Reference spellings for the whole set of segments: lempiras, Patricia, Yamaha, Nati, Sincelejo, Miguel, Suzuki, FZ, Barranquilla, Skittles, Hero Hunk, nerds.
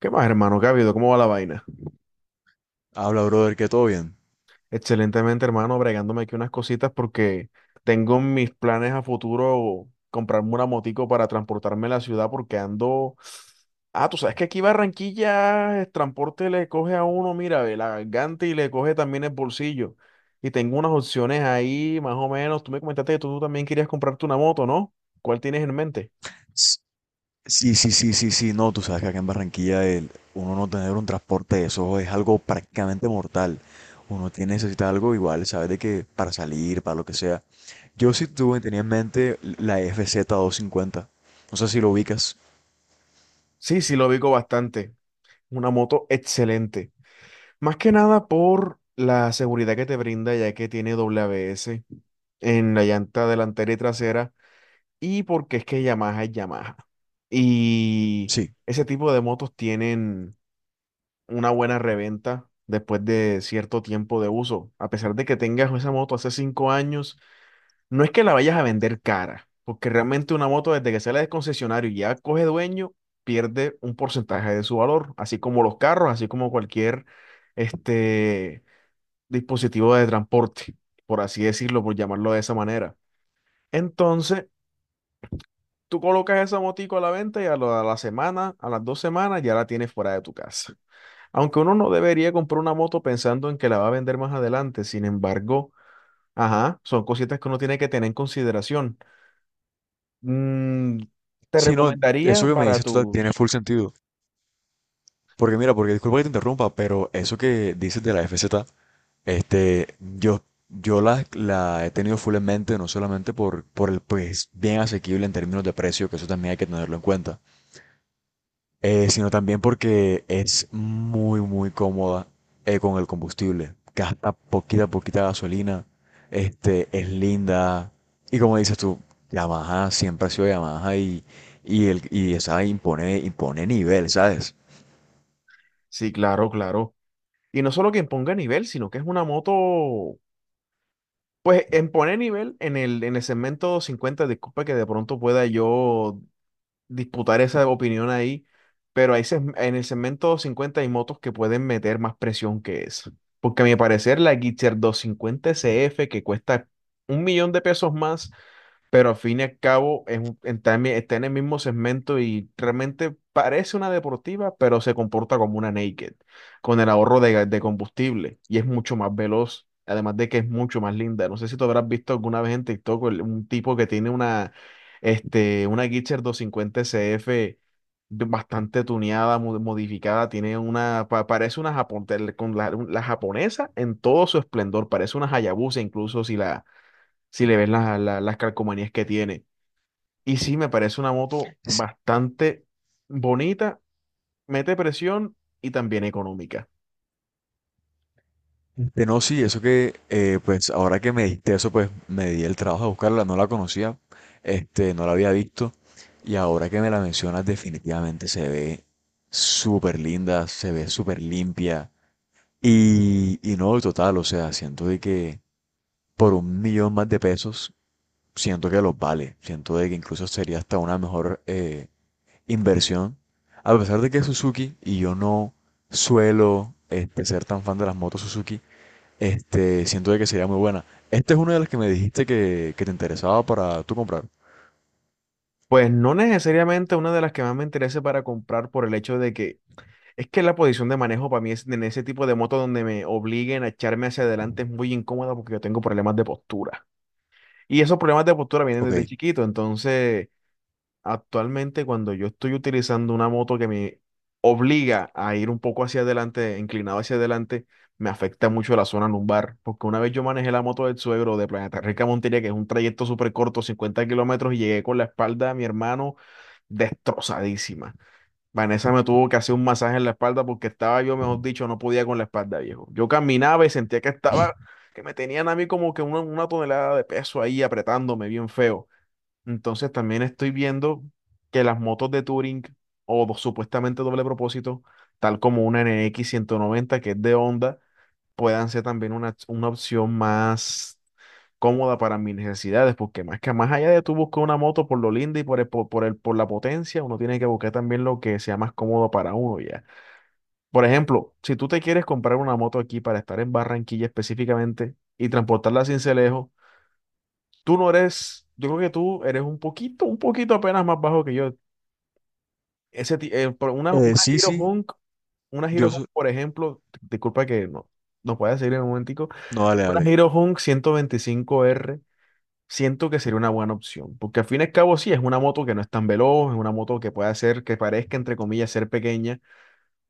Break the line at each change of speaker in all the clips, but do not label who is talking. ¿Qué más, hermano? ¿Qué ha habido? ¿Cómo va la vaina?
Habla, brother, que todo bien.
Excelentemente, hermano, bregándome aquí unas cositas porque tengo en mis planes a futuro comprarme una motico para transportarme a la ciudad porque ando. Ah, tú sabes que aquí Barranquilla el transporte le coge a uno, mira, ve la garganta y le coge también el bolsillo. Y tengo unas opciones ahí, más o menos. Tú me comentaste que tú también querías comprarte una moto, ¿no? ¿Cuál tienes en mente?
S- Sí, sí, sí, sí, sí, no, tú sabes que acá en Barranquilla uno no tener un transporte de eso es algo prácticamente mortal. Necesita algo igual, sabes de que para salir, para lo que sea. Tenía en mente la FZ 50. No sé si lo ubicas.
Sí, sí, lo ubico bastante. Una moto excelente. Más que nada por la seguridad que te brinda, ya que tiene doble ABS en la llanta delantera y trasera, y porque es que Yamaha es Yamaha. Y
Sí.
ese tipo de motos tienen una buena reventa después de cierto tiempo de uso. A pesar de que tengas esa moto hace 5 años, no es que la vayas a vender cara, porque realmente una moto desde que sale del concesionario y ya coge dueño, pierde un porcentaje de su valor, así como los carros, así como cualquier este dispositivo de transporte, por así decirlo, por llamarlo de esa manera. Entonces, tú colocas esa motico a la venta y a la semana, a las 2 semanas, ya la tienes fuera de tu casa. Aunque uno no debería comprar una moto pensando en que la va a vender más adelante, sin embargo, ajá, son cositas que uno tiene que tener en consideración. Mm, Te
Sí, no,
recomendaría
eso que me
para
dices tú tiene
tus.
full sentido. Porque mira, porque disculpa que te interrumpa, pero eso que dices de la FZ. Este, yo, yo la he tenido full en mente, no solamente por el pues bien asequible en términos de precio, que eso también hay que tenerlo en cuenta, sino también porque es muy cómoda con el combustible. Gasta poquita gasolina, es linda. Y como dices tú, Yamaha siempre ha sido Yamaha y esa impone nivel, ¿sabes?
Sí, claro, claro. Y no solo que ponga nivel, sino que es una moto. Pues en poner nivel en el segmento cincuenta, disculpa que de pronto pueda yo disputar esa opinión ahí, pero en el segmento 50 hay motos que pueden meter más presión que esa. Porque a mi parecer la Gixxer 250 CF que cuesta $1.000.000 más, pero al fin y al cabo está en, está en el mismo segmento y realmente parece una deportiva, pero se comporta como una naked, con el ahorro de, de combustible y es mucho más veloz. Además de que es mucho más linda. No sé si tú habrás visto alguna vez en TikTok un tipo que tiene una, una Gitzer 250 CF bastante tuneada, modificada. Tiene una, parece una, con la japonesa en todo su esplendor. Parece una Hayabusa, incluso si la, si le ves las, las calcomanías que tiene. Y sí, me parece una moto bastante bonita, mete presión y también económica.
Que no, sí, pues ahora que me diste eso, pues me di el trabajo de buscarla, no la conocía, no la había visto, y ahora que me la mencionas, definitivamente se ve súper linda, se ve súper limpia, y no, total, o sea, siento de que por 1 millón más de pesos, siento que los vale, siento de que incluso sería hasta una mejor inversión, a pesar de que Suzuki, y yo no suelo ser tan fan de las motos Suzuki, siento de que sería muy buena. Esta es una de las que me dijiste que te interesaba para tú comprar.
Pues no necesariamente una de las que más me interese para comprar, por el hecho de que es que la posición de manejo para mí es en ese tipo de moto donde me obliguen a echarme hacia adelante es muy incómoda, porque yo tengo problemas de postura. Y esos problemas de postura vienen
Ok.
desde chiquito. Entonces actualmente, cuando yo estoy utilizando una moto que me obliga a ir un poco hacia adelante, inclinado hacia adelante, me afecta mucho la zona lumbar, porque una vez yo manejé la moto del suegro de Planeta Rica a Montería, que es un trayecto súper corto, 50 kilómetros, y llegué con la espalda de mi hermano destrozadísima. Vanessa me tuvo que hacer un masaje en la espalda porque estaba yo, mejor dicho, no podía con la espalda, viejo. Yo caminaba y sentía que estaba, que me tenían a mí como que una tonelada de peso ahí apretándome bien feo. Entonces también estoy viendo que las motos de Touring o supuestamente doble propósito, tal como una N X 190 que es de Honda, puedan ser también una opción más cómoda para mis necesidades, porque más que más allá de tú buscar una moto por lo linda y por el, po- por, el, por la potencia, uno tiene que buscar también lo que sea más cómodo para uno ya. Por ejemplo, si tú te quieres comprar una moto aquí para estar en Barranquilla específicamente y transportarla a Sincelejo. Tú no eres, yo creo que tú eres un poquito apenas más bajo que yo. Por
Sí, sí,
Una Hero
yo
Hunk,
soy...
por ejemplo, disculpa que no, nos puedes seguir en un momentico,
No, dale, dale.
una Hero Hunk 125 r, siento que sería una buena opción, porque al fin y al cabo sí, es una moto que no es tan veloz, es una moto que puede hacer, que parezca, entre comillas, ser pequeña,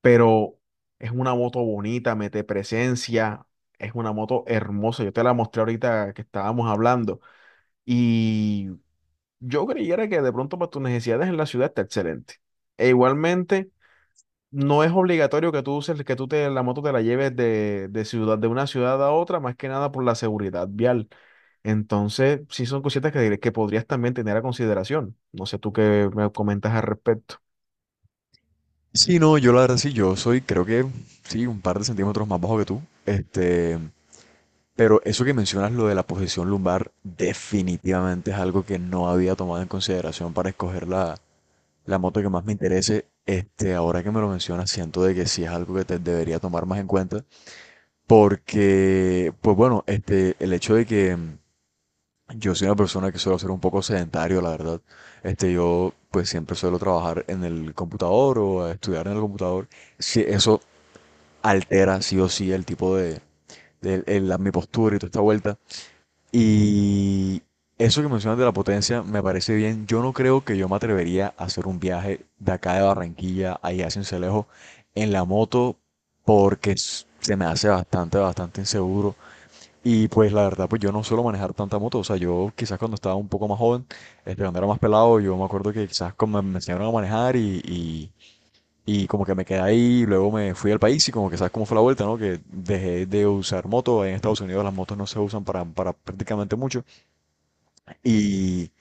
pero es una moto bonita, mete presencia, es una moto hermosa, yo te la mostré ahorita que estábamos hablando. Y yo creyera que de pronto para tus necesidades en la ciudad está excelente. E igualmente, no es obligatorio que tú uses, que la moto te la lleves de ciudad, de una ciudad a otra, más que nada por la seguridad vial. Entonces, sí son cositas que podrías también tener a consideración. No sé tú qué me comentas al respecto.
Sí, no, yo la verdad sí, creo que, sí, un par de centímetros más bajo que tú. Este, pero eso que mencionas, lo de la posición lumbar, definitivamente es algo que no había tomado en consideración para escoger la moto que más me interese. Ahora que me lo mencionas, siento de que sí es algo que te debería tomar más en cuenta. Porque, pues bueno, el hecho de que yo soy una persona que suelo ser un poco sedentario, la verdad. Yo pues siempre suelo trabajar en el computador o estudiar en el computador. Sí, eso altera sí o sí el tipo mi postura y toda esta vuelta. Y eso que mencionas de la potencia me parece bien. Yo no creo que yo me atrevería a hacer un viaje de acá de Barranquilla a allá a Sincelejo en la moto porque se me hace bastante inseguro. Y pues la verdad, pues yo no suelo manejar tanta moto. O sea, yo quizás cuando estaba un poco más joven, cuando era más pelado, yo me acuerdo que quizás como me enseñaron a manejar y como que me quedé ahí, y luego me fui al país y como que sabes cómo fue la vuelta, ¿no? Que dejé de usar moto. En Estados Unidos las motos no se usan para prácticamente mucho. Y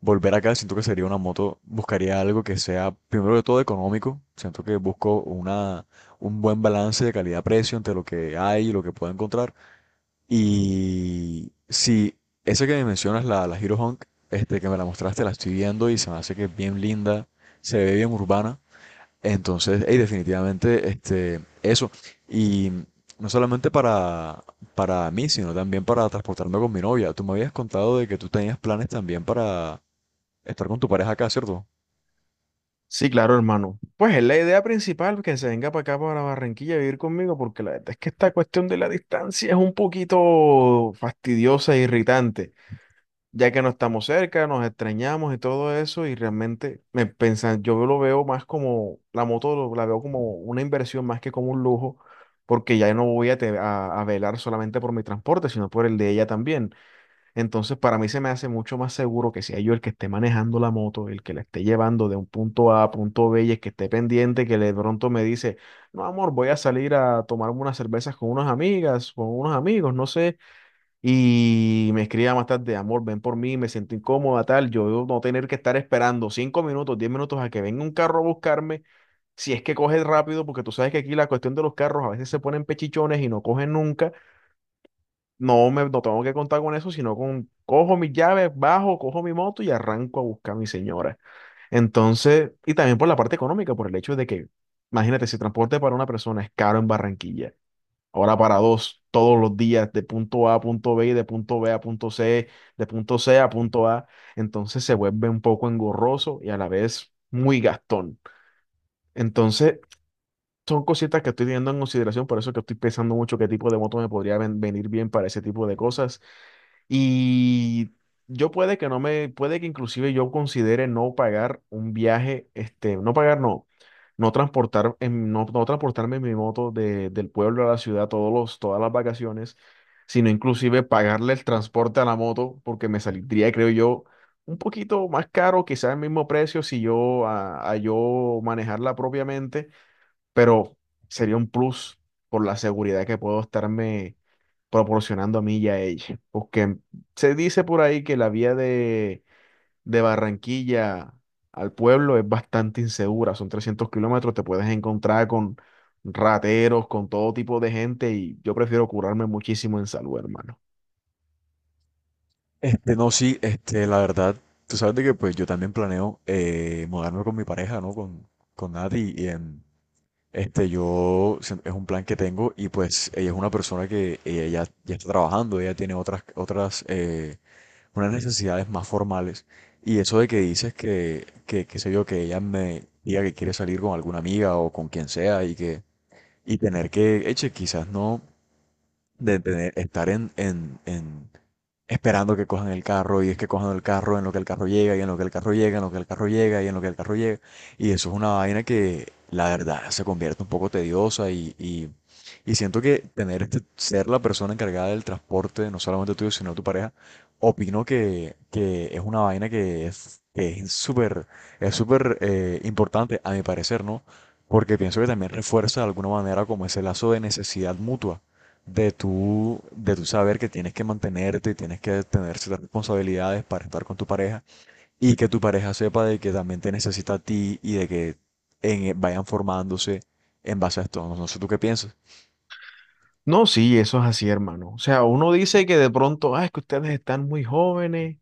volver acá siento que sería una moto, buscaría algo que sea, primero que todo, económico. Siento que busco una, un buen balance de calidad-precio entre lo que hay y lo que puedo encontrar. Y sí, esa que me mencionas, la Hero Hunk, que me la mostraste, la estoy viendo y se me hace que es bien linda, se ve bien urbana. Entonces, hey, definitivamente, eso. Y no solamente para mí, sino también para transportarme con mi novia. Tú me habías contado de que tú tenías planes también para estar con tu pareja acá, ¿cierto?
Sí, claro, hermano. Pues es la idea principal que se venga para acá, para Barranquilla, a vivir conmigo, porque la verdad es que esta cuestión de la distancia es un poquito fastidiosa e irritante, ya que no estamos cerca, nos extrañamos y todo eso, y realmente me pensan, yo lo veo más como, la moto la veo como una inversión más que como un lujo, porque ya no voy a velar solamente por mi transporte, sino por el de ella también. Entonces, para mí se me hace mucho más seguro que sea yo el que esté manejando la moto, el que la esté llevando de un punto A a punto B y el que esté pendiente, que de pronto me dice, no, amor, voy a salir a tomarme unas cervezas con unas amigas, con unos amigos, no sé, y me escribía más tarde, amor, ven por mí, me siento incómoda, tal. Yo no tener que estar esperando 5 minutos, 10 minutos a que venga un carro a buscarme, si es que coge rápido, porque tú sabes que aquí la cuestión de los carros a veces se ponen pechichones y no cogen nunca. No tengo que contar con eso, sino con cojo mis llaves, bajo, cojo mi moto y arranco a buscar a mi señora. Entonces, y también por la parte económica, por el hecho de que, imagínate, si transporte para una persona es caro en Barranquilla, ahora para dos, todos los días, de punto A a punto B y de punto B a punto C, de punto C a punto A. Entonces se vuelve un poco engorroso y a la vez muy gastón. Entonces son cositas que estoy teniendo en consideración, por eso que estoy pensando mucho qué tipo de moto me podría venir bien para ese tipo de cosas. Y yo puede que no me, puede que inclusive yo considere no pagar un viaje, no pagar, no, no transportar, no, no transportarme en mi moto del pueblo a la ciudad todos los, todas las vacaciones, sino inclusive pagarle el transporte a la moto, porque me saldría, creo yo, un poquito más caro, quizás el mismo precio si yo, a yo manejarla propiamente, pero sería un plus por la seguridad que puedo estarme proporcionando a mí y a ella. Porque se dice por ahí que la vía de Barranquilla al pueblo es bastante insegura. Son 300 kilómetros, te puedes encontrar con rateros, con todo tipo de gente, y yo prefiero curarme muchísimo en salud, hermano.
No, sí, la verdad, tú sabes de que pues yo también planeo mudarme con mi pareja, ¿no? Con Nati y en... es un plan que tengo y pues ella es una persona que ella ya está trabajando, ella tiene otras, unas necesidades más formales. Y eso de que dices qué sé yo, que ella me diga que quiere salir con alguna amiga o con quien sea y tener que, eche, quizás no, de tener, en, esperando que cojan el carro y es que cojan el carro en lo que el carro llega y en lo que el carro llega, en lo que el carro llega y en lo que el carro llega. Y eso es una vaina que la verdad se convierte un poco tediosa y siento que tener ser la persona encargada del transporte, no solamente tuyo, sino de tu pareja, opino que es una vaina que es súper, es súper importante a mi parecer, ¿no? Porque pienso que también refuerza de alguna manera como ese lazo de necesidad mutua de de tú saber que tienes que mantenerte y tienes que tener ciertas responsabilidades para estar con tu pareja y que tu pareja sepa de que también te necesita a ti y de que vayan formándose en base a esto. No, no sé tú qué piensas.
No, sí, eso es así, hermano. O sea, uno dice que de pronto, ah, es que ustedes están muy jóvenes,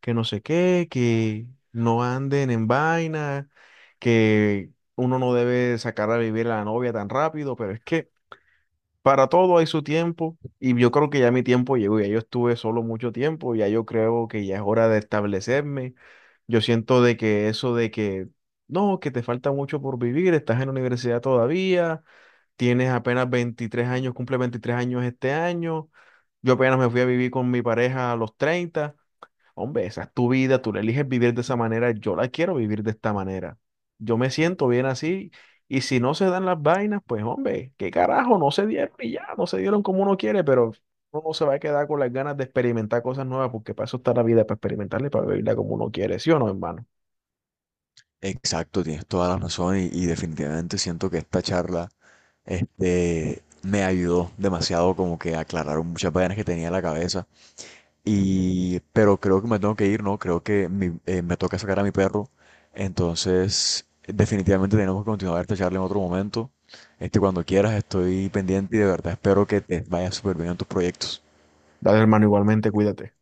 que no sé qué, que no anden en vaina, que uno no debe sacar a vivir a la novia tan rápido, pero es que para todo hay su tiempo y yo creo que ya mi tiempo llegó, ya yo estuve solo mucho tiempo, ya yo creo que ya es hora de establecerme. Yo siento de que eso de que, no, que te falta mucho por vivir, estás en la universidad todavía, tienes apenas 23 años, cumple 23 años este año, yo apenas me fui a vivir con mi pareja a los 30. Hombre, esa es tu vida, tú la eliges vivir de esa manera, yo la quiero vivir de esta manera. Yo me siento bien así, y si no se dan las vainas, pues hombre, qué carajo, no se dieron y ya, no se dieron como uno quiere, pero uno no se va a quedar con las ganas de experimentar cosas nuevas porque para eso está la vida, para experimentarla y para vivirla como uno quiere, ¿sí o no, hermano?
Exacto, tienes toda la razón y definitivamente siento que esta charla me ayudó demasiado como que a aclarar muchas vainas que tenía en la cabeza. Y, pero creo que me tengo que ir, ¿no? Creo que me toca sacar a mi perro. Entonces, definitivamente tenemos que continuar esta charla en otro momento. Cuando quieras, estoy pendiente y de verdad espero que te vaya súper bien en tus proyectos.
Dale, hermano, igualmente, cuídate.